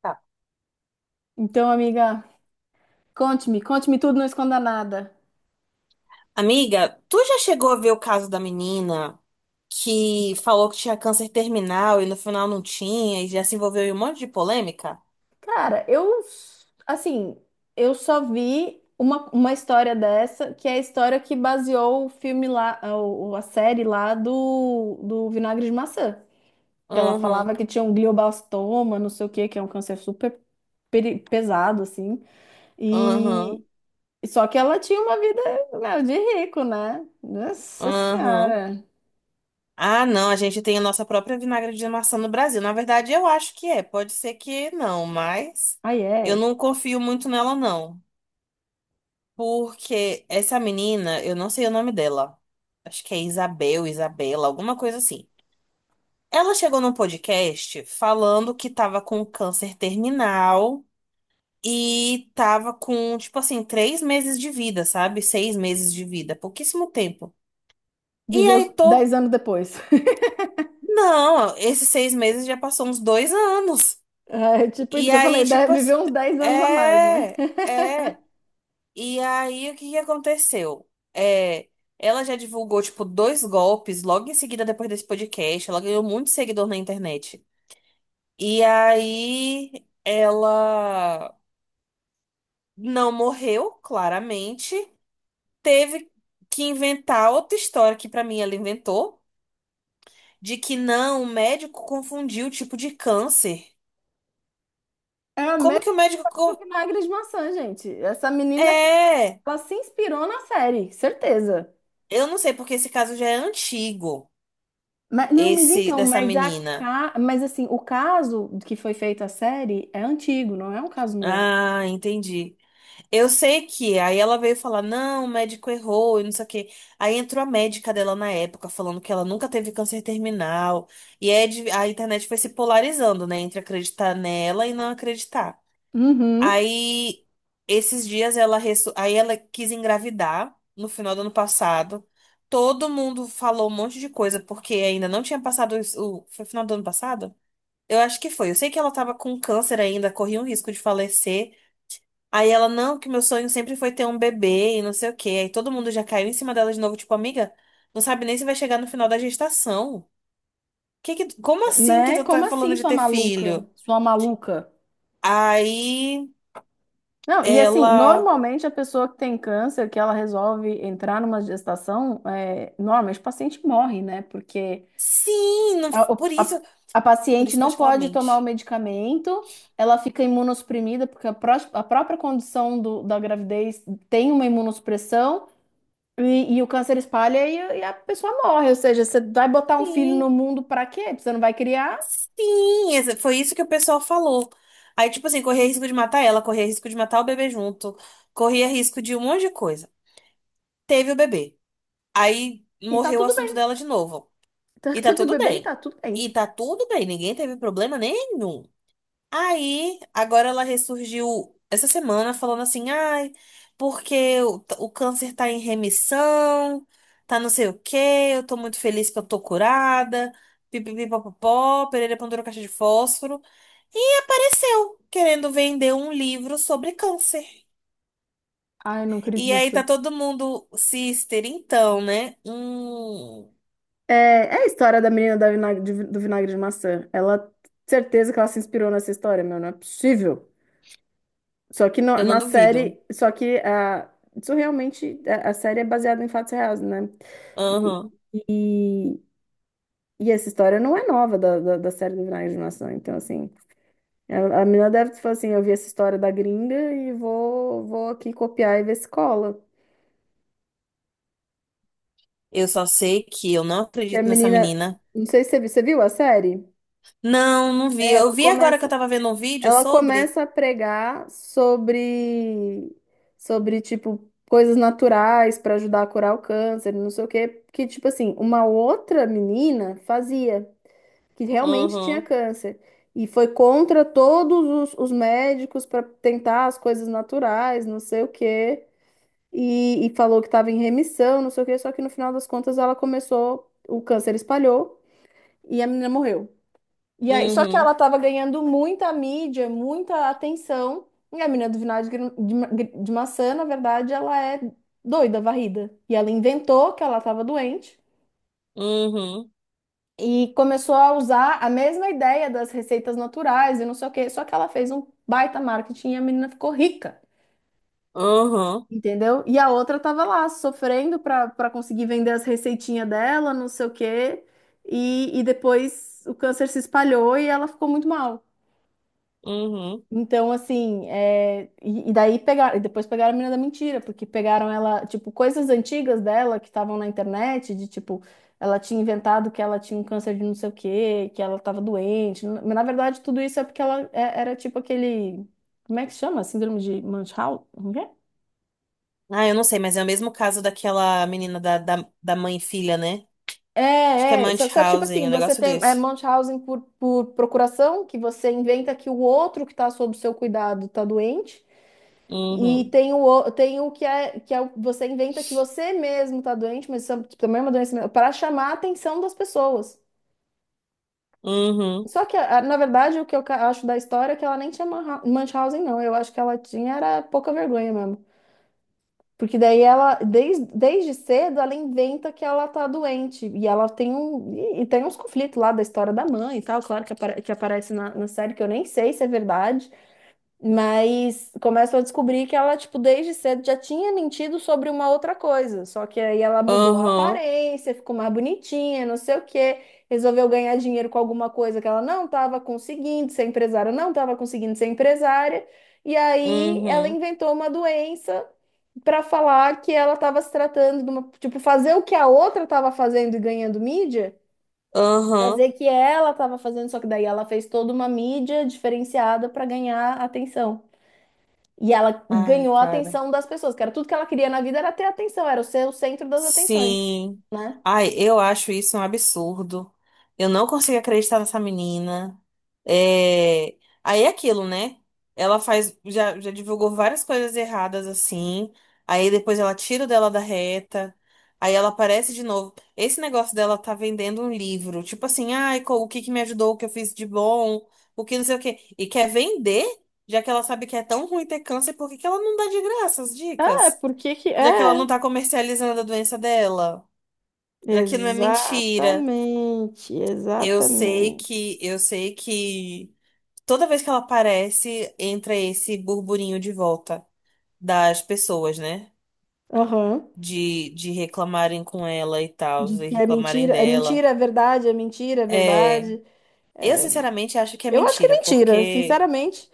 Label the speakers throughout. Speaker 1: Tá.
Speaker 2: Então, amiga, conte-me, conte-me tudo, não esconda nada.
Speaker 1: Amiga, tu já chegou a ver o caso da menina que falou que tinha câncer terminal e no final não tinha e já se envolveu em um monte de polêmica?
Speaker 2: Cara, eu, assim, eu só vi uma história dessa, que é a história que baseou o filme lá, a, a série lá do Vinagre de Maçã. Que ela falava
Speaker 1: Uhum,
Speaker 2: que tinha um glioblastoma, não sei o quê, que é um câncer super pesado, assim. E
Speaker 1: uhum,
Speaker 2: só que ela tinha uma vida, meu, de rico, né? Nossa
Speaker 1: uhum.
Speaker 2: Senhora.
Speaker 1: Ah, não, a gente tem a nossa própria vinagre de maçã no Brasil. Na verdade, eu acho que é. Pode ser que não, mas
Speaker 2: Aí
Speaker 1: eu
Speaker 2: é.
Speaker 1: não confio muito nela, não. Porque essa menina, eu não sei o nome dela. Acho que é Isabel, Isabela, alguma coisa assim. Ela chegou num podcast falando que tava com câncer terminal e tava com, tipo assim, 3 meses de vida, sabe? 6 meses de vida, pouquíssimo tempo. E
Speaker 2: Viveu
Speaker 1: aí, todo.
Speaker 2: 10 anos depois.
Speaker 1: Não, esses 6 meses já passou uns 2 anos.
Speaker 2: É tipo isso
Speaker 1: E
Speaker 2: que eu falei,
Speaker 1: aí,
Speaker 2: deve
Speaker 1: tipo assim,
Speaker 2: viver uns 10 anos a mais, né?
Speaker 1: é, é. E aí, o que que aconteceu? Ela já divulgou, tipo, dois golpes logo em seguida, depois desse podcast. Ela ganhou muito seguidor na internet. E aí, ela não morreu, claramente. Teve que inventar outra história que, pra mim, ela inventou. De que não, o médico confundiu o tipo de câncer.
Speaker 2: É a
Speaker 1: Como
Speaker 2: mesma
Speaker 1: que o médico.
Speaker 2: coisa do vinagre de maçã, gente. Essa menina,
Speaker 1: É.
Speaker 2: ela se inspirou na série, certeza.
Speaker 1: Eu não sei, porque esse caso já é antigo.
Speaker 2: Mas, não, mas
Speaker 1: Esse
Speaker 2: então,
Speaker 1: dessa
Speaker 2: mas a
Speaker 1: menina.
Speaker 2: mas assim, o caso que foi feita a série é antigo, não é um caso novo.
Speaker 1: Ah, entendi. Eu sei que aí ela veio falar, não, o médico errou e não sei o quê. Aí entrou a médica dela na época falando que ela nunca teve câncer terminal. E é a internet foi se polarizando, né, entre acreditar nela e não acreditar.
Speaker 2: Uhum.
Speaker 1: Aí esses dias ela resso- aí ela quis engravidar no final do ano passado. Todo mundo falou um monte de coisa porque ainda não tinha passado isso- o foi final do ano passado? Eu acho que foi. Eu sei que ela tava com câncer ainda, corria um risco de falecer. Aí ela, não, que meu sonho sempre foi ter um bebê e não sei o quê. Aí todo mundo já caiu em cima dela de novo, tipo, amiga, não sabe nem se vai chegar no final da gestação. Que, como assim que
Speaker 2: Né?
Speaker 1: tu
Speaker 2: Como
Speaker 1: tá
Speaker 2: assim,
Speaker 1: falando de
Speaker 2: sua
Speaker 1: ter
Speaker 2: maluca?
Speaker 1: filho?
Speaker 2: Sua maluca?
Speaker 1: Aí
Speaker 2: Não, e assim,
Speaker 1: ela,
Speaker 2: normalmente a pessoa que tem câncer, que ela resolve entrar numa gestação, é, normalmente o paciente morre, né? Porque
Speaker 1: sim,
Speaker 2: A, o-
Speaker 1: por isso,
Speaker 2: a- a
Speaker 1: por
Speaker 2: paciente
Speaker 1: isso que eu
Speaker 2: não
Speaker 1: acho que ela
Speaker 2: pode tomar o
Speaker 1: mente.
Speaker 2: medicamento, ela fica imunossuprimida, porque a própria condição da gravidez tem uma imunossupressão, e o câncer espalha e a pessoa morre. Ou seja, você vai botar um filho no
Speaker 1: Sim,
Speaker 2: mundo pra quê? Você não vai criar
Speaker 1: sim, foi isso que o pessoal falou. Aí, tipo assim, corria risco de matar ela, corria risco de matar o bebê junto, corria risco de um monte de coisa. Teve o bebê. Aí
Speaker 2: e tá
Speaker 1: morreu o
Speaker 2: tudo
Speaker 1: assunto
Speaker 2: bem.
Speaker 1: dela de novo.
Speaker 2: Então,
Speaker 1: E tá
Speaker 2: teve o
Speaker 1: tudo
Speaker 2: bebê e
Speaker 1: bem.
Speaker 2: tá tudo
Speaker 1: E
Speaker 2: bem.
Speaker 1: tá tudo bem, ninguém teve problema nenhum. Aí, agora ela ressurgiu essa semana falando assim: ai, porque o câncer tá em remissão, tá não sei o quê, eu tô muito feliz que eu tô curada. Pipipipopopó, Pereira pendurou caixa de fósforo e apareceu querendo vender um livro sobre câncer.
Speaker 2: Ai, não
Speaker 1: E aí
Speaker 2: acredito.
Speaker 1: tá todo mundo, sister, então, né? Hum.
Speaker 2: É, é a história da menina da do vinagre de maçã. Ela, certeza que ela se inspirou nessa história, meu, não é possível. Só que
Speaker 1: Eu não
Speaker 2: na
Speaker 1: duvido.
Speaker 2: série, só que a, isso realmente, a série é baseada em fatos reais, né? E,
Speaker 1: Aham.
Speaker 2: e essa história não é nova da série do Vinagre de Maçã. Então, assim, a menina deve falar assim, eu vi essa história da gringa e vou aqui copiar e ver se cola.
Speaker 1: Eu só sei que eu não
Speaker 2: Porque a
Speaker 1: acredito nessa
Speaker 2: menina,
Speaker 1: menina.
Speaker 2: não sei se você viu, você viu a série?
Speaker 1: Não, não vi.
Speaker 2: É, ela
Speaker 1: Eu vi agora que eu
Speaker 2: começa,
Speaker 1: tava vendo um vídeo
Speaker 2: ela
Speaker 1: sobre.
Speaker 2: começa a pregar sobre, sobre tipo, coisas naturais para ajudar a curar o câncer, não sei o quê, que, tipo assim, uma outra menina fazia, que realmente tinha
Speaker 1: Uhum,
Speaker 2: câncer. E foi contra todos os médicos para tentar as coisas naturais, não sei o quê. E falou que estava em remissão, não sei o quê, só que no final das contas ela começou, o câncer espalhou e a menina morreu. E aí, só que
Speaker 1: uhum,
Speaker 2: ela estava ganhando muita mídia, muita atenção. E a menina do vinagre de, de maçã, na verdade, ela é doida, varrida. E ela inventou que ela estava doente
Speaker 1: uhum,
Speaker 2: e começou a usar a mesma ideia das receitas naturais e não sei o quê. Só que ela fez um baita marketing e a menina ficou rica,
Speaker 1: uhum,
Speaker 2: entendeu? E a outra tava lá sofrendo para conseguir vender as receitinhas dela, não sei o quê. E depois o câncer se espalhou e ela ficou muito mal.
Speaker 1: uhum.
Speaker 2: Então, assim, é, e daí pegaram, e depois pegaram a menina da mentira, porque pegaram ela, tipo, coisas antigas dela que estavam na internet, de tipo, ela tinha inventado que ela tinha um câncer de não sei o quê, que ela estava doente. Mas na verdade, tudo isso é porque ela era tipo aquele, como é que chama? Síndrome de Munchausen? Como que é?
Speaker 1: Ah, eu não sei, mas é o mesmo caso daquela menina da mãe e filha, né? Acho que é
Speaker 2: É, é. Só que, tipo
Speaker 1: Munchausen,
Speaker 2: assim,
Speaker 1: um
Speaker 2: você
Speaker 1: negócio
Speaker 2: tem é,
Speaker 1: desse.
Speaker 2: Munchausen por procuração, que você inventa que o outro que está sob seu cuidado está doente. E
Speaker 1: Uhum,
Speaker 2: tem o, tem o que é você inventa que você mesmo está doente, mas isso é também é uma doença mental, para chamar a atenção das pessoas.
Speaker 1: uhum,
Speaker 2: Só que, na verdade, o que eu acho da história é que ela nem tinha Munchausen, não. Eu acho que ela tinha era pouca vergonha mesmo. Porque daí ela, desde cedo, ela inventa que ela tá doente. E ela tem um, e tem uns conflitos lá da história da mãe e tal, claro, que, que aparece na, na série, que eu nem sei se é verdade. Mas começam a descobrir que ela, tipo, desde cedo já tinha mentido sobre uma outra coisa. Só que aí ela mudou a
Speaker 1: uhum,
Speaker 2: aparência, ficou mais bonitinha, não sei o quê. Resolveu ganhar dinheiro com alguma coisa que ela não estava conseguindo ser empresária, não estava conseguindo ser empresária. E aí ela
Speaker 1: uhum,
Speaker 2: inventou uma doença para falar que ela estava se tratando de uma, tipo, fazer o que a outra estava fazendo e ganhando mídia, fazer
Speaker 1: uhum.
Speaker 2: o que ela estava fazendo, só que daí ela fez toda uma mídia diferenciada para ganhar atenção. E ela
Speaker 1: Ai,
Speaker 2: ganhou a
Speaker 1: cara.
Speaker 2: atenção das pessoas, que era tudo que ela queria na vida era ter atenção, era ser o centro das atenções,
Speaker 1: Sim.
Speaker 2: né?
Speaker 1: Ai, eu acho isso um absurdo. Eu não consigo acreditar nessa menina. É... Aí é aquilo, né? Ela faz, já divulgou várias coisas erradas assim. Aí depois ela tira o dela da reta. Aí ela aparece de novo. Esse negócio dela tá vendendo um livro. Tipo assim, ai, o que que me ajudou, o que eu fiz de bom, o que não sei o quê. E quer vender, já que ela sabe que é tão ruim ter câncer, por que que ela não dá de graça as
Speaker 2: É
Speaker 1: dicas?
Speaker 2: por que que
Speaker 1: Já que ela
Speaker 2: é?
Speaker 1: não tá comercializando a doença dela, já que não é mentira.
Speaker 2: Exatamente,
Speaker 1: Eu sei
Speaker 2: exatamente.
Speaker 1: que, eu sei que toda vez que ela aparece, entra esse burburinho de volta das pessoas, né?
Speaker 2: Aham.
Speaker 1: De reclamarem com ela e tal, e
Speaker 2: Que é
Speaker 1: reclamarem
Speaker 2: mentira, é
Speaker 1: dela.
Speaker 2: mentira, é verdade, é mentira, é
Speaker 1: É,
Speaker 2: verdade.
Speaker 1: eu sinceramente acho que é
Speaker 2: Eu acho que é
Speaker 1: mentira,
Speaker 2: mentira,
Speaker 1: porque
Speaker 2: sinceramente,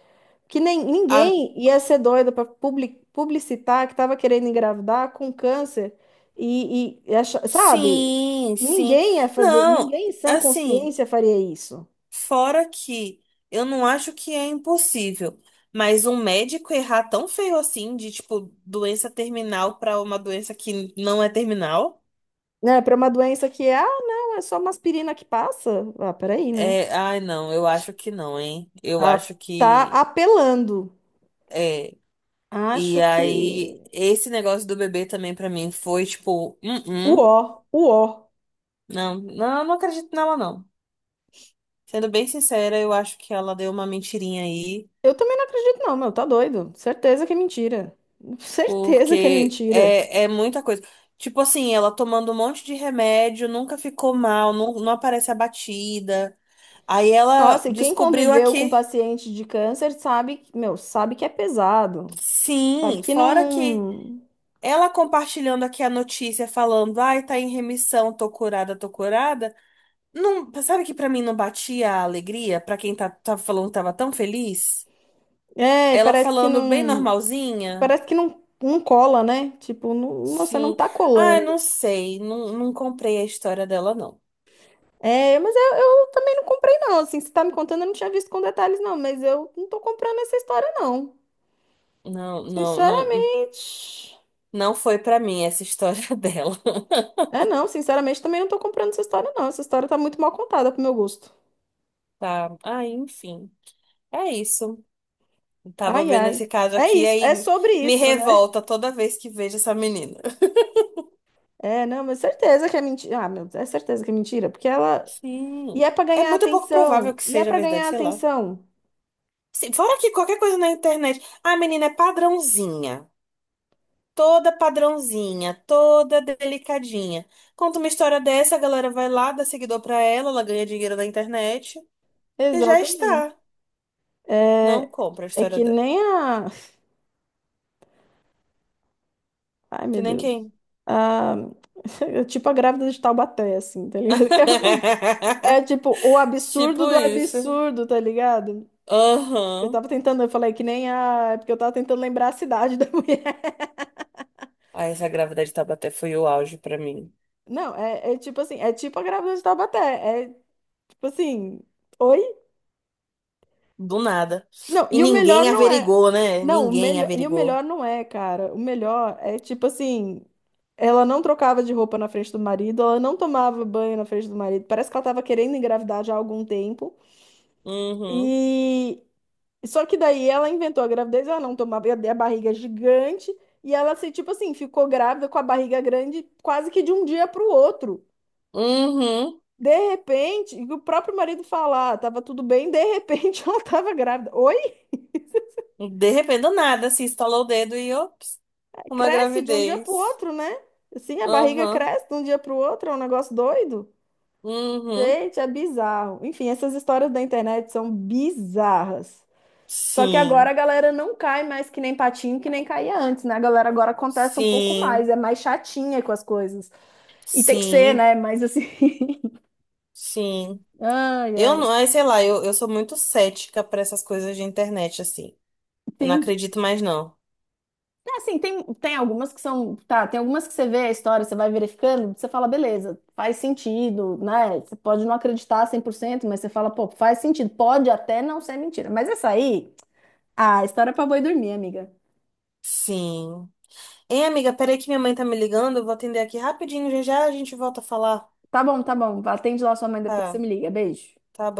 Speaker 2: que nem
Speaker 1: a...
Speaker 2: ninguém ia ser doido para publicitar que estava querendo engravidar com câncer e sabe?
Speaker 1: sim, sim.
Speaker 2: Ninguém ia fazer,
Speaker 1: Não,
Speaker 2: ninguém em sã
Speaker 1: assim,
Speaker 2: consciência faria isso.
Speaker 1: fora que eu não acho que é impossível, mas um médico errar tão feio assim, de tipo, doença terminal pra uma doença que não é terminal,
Speaker 2: Né, para uma doença que, é, ah, não, é só uma aspirina que passa. Ah, peraí, né?
Speaker 1: é. Ai, não, eu acho que não, hein? Eu
Speaker 2: Tá,
Speaker 1: acho
Speaker 2: tá
Speaker 1: que.
Speaker 2: apelando.
Speaker 1: É. E
Speaker 2: Acho
Speaker 1: aí,
Speaker 2: que.
Speaker 1: esse negócio do bebê também pra mim foi tipo, hum,
Speaker 2: Uó, uó.
Speaker 1: não, não, eu não acredito nela, não. Sendo bem sincera, eu acho que ela deu uma mentirinha aí.
Speaker 2: Eu também não acredito, não, meu, tá doido. Certeza que é mentira. Certeza que é
Speaker 1: Porque
Speaker 2: mentira.
Speaker 1: é muita coisa. Tipo assim, ela tomando um monte de remédio, nunca ficou mal, não, não aparece abatida. Aí ela
Speaker 2: Nossa, e quem
Speaker 1: descobriu
Speaker 2: conviveu com
Speaker 1: aqui.
Speaker 2: paciente de câncer sabe, meu, sabe que é pesado. Sabe
Speaker 1: Sim,
Speaker 2: que não,
Speaker 1: fora que
Speaker 2: não...
Speaker 1: ela compartilhando aqui a notícia, falando, ai, tá em remissão, tô curada, tô curada. Não, sabe que pra mim não batia a alegria? Pra quem tá falando que tava tão feliz?
Speaker 2: É,
Speaker 1: Ela
Speaker 2: parece que
Speaker 1: falando bem
Speaker 2: não.
Speaker 1: normalzinha.
Speaker 2: Parece que não, não cola, né? Tipo, não, você não
Speaker 1: Sim.
Speaker 2: tá
Speaker 1: Ai, não
Speaker 2: colando.
Speaker 1: sei, não, não comprei a história dela, não.
Speaker 2: É, mas eu também não comprei, não. Assim, você tá me contando, eu não tinha visto com detalhes, não. Mas eu não tô comprando essa história, não.
Speaker 1: Não, não, não,
Speaker 2: Sinceramente.
Speaker 1: não foi pra mim essa história dela,
Speaker 2: É, não, sinceramente também não tô comprando essa história, não. Essa história tá muito mal contada pro meu gosto.
Speaker 1: tá? Ah, enfim, é isso. Tava
Speaker 2: Ai,
Speaker 1: vendo
Speaker 2: ai.
Speaker 1: esse caso
Speaker 2: É
Speaker 1: aqui,
Speaker 2: isso, é
Speaker 1: aí
Speaker 2: sobre
Speaker 1: me
Speaker 2: isso, né?
Speaker 1: revolta toda vez que vejo essa menina.
Speaker 2: É, não, mas certeza que é mentira. Ah, meu Deus, é certeza que é mentira, porque ela. E
Speaker 1: Sim,
Speaker 2: é pra
Speaker 1: é
Speaker 2: ganhar
Speaker 1: muito pouco provável
Speaker 2: atenção.
Speaker 1: que
Speaker 2: E é
Speaker 1: seja
Speaker 2: pra
Speaker 1: verdade,
Speaker 2: ganhar
Speaker 1: sei lá.
Speaker 2: atenção.
Speaker 1: Sim, fora que qualquer coisa na internet, a menina é padrãozinha, toda delicadinha. Conta uma história dessa, a galera vai lá, dá seguidor pra ela, ela ganha dinheiro na internet e já
Speaker 2: Exatamente.
Speaker 1: está. Não
Speaker 2: É,
Speaker 1: compra a
Speaker 2: é
Speaker 1: história
Speaker 2: que
Speaker 1: dela.
Speaker 2: nem a. Ai, meu
Speaker 1: Que nem
Speaker 2: Deus.
Speaker 1: quem.
Speaker 2: Ah, é tipo a grávida de Taubaté, assim, tá ligado? É tipo o absurdo
Speaker 1: Tipo
Speaker 2: do
Speaker 1: isso.
Speaker 2: absurdo, tá ligado? Eu
Speaker 1: Aham.
Speaker 2: tava tentando, eu falei que nem a. É porque eu tava tentando lembrar a cidade da mulher.
Speaker 1: Ai, essa gravidez de Taubaté foi o auge pra mim.
Speaker 2: Não, é, é tipo assim, é tipo a grávida de Taubaté. É tipo assim, oi?
Speaker 1: Do nada.
Speaker 2: Não,
Speaker 1: E
Speaker 2: e o melhor
Speaker 1: ninguém
Speaker 2: não é.
Speaker 1: averigou, né?
Speaker 2: Não, o
Speaker 1: Ninguém
Speaker 2: melhor. E o melhor
Speaker 1: averigou.
Speaker 2: não é, cara. O melhor é tipo assim. Ela não trocava de roupa na frente do marido, ela não tomava banho na frente do marido. Parece que ela tava querendo engravidar já há algum tempo.
Speaker 1: Uhum.
Speaker 2: E só que daí ela inventou a gravidez, ela não tomava a barriga é gigante e ela se tipo assim, ficou grávida com a barriga grande quase que de um dia para o outro.
Speaker 1: Uhum.
Speaker 2: De repente, e o próprio marido falar, ah, tava tudo bem, de repente ela tava grávida. Oi?
Speaker 1: De repente, do nada, se estalou o dedo e, ops, uma
Speaker 2: Cresce de um dia para o
Speaker 1: gravidez.
Speaker 2: outro, né? Assim, a barriga
Speaker 1: Aham.
Speaker 2: cresce de um dia para o outro, é um negócio doido.
Speaker 1: Uhum.
Speaker 2: Gente, é bizarro. Enfim, essas histórias da internet são bizarras. Só que agora
Speaker 1: Sim.
Speaker 2: a galera não cai mais que nem patinho, que nem caía antes, né? A galera agora contesta um pouco mais,
Speaker 1: Sim.
Speaker 2: é mais chatinha com as coisas. E tem que ser,
Speaker 1: Sim.
Speaker 2: né? Mas assim.
Speaker 1: Sim.
Speaker 2: Ai,
Speaker 1: Eu
Speaker 2: ai.
Speaker 1: não, ai, sei lá, eu sou muito cética pra essas coisas de internet, assim. Eu não
Speaker 2: Tem,
Speaker 1: acredito mais, não.
Speaker 2: é, assim, tem, tem algumas que são. Tá, tem algumas que você vê a história, você vai verificando, você fala, beleza, faz sentido, né? Você pode não acreditar 100%, mas você fala, pô, faz sentido. Pode até não ser mentira. Mas essa aí. Ah, história é pra boi dormir, amiga.
Speaker 1: Sim. Hein, amiga, peraí que minha mãe tá me ligando, eu vou atender aqui rapidinho, já já a gente volta a falar.
Speaker 2: Tá bom, tá bom. Atende lá sua mãe, depois você
Speaker 1: Tá,
Speaker 2: me liga. Beijo.
Speaker 1: tá bom.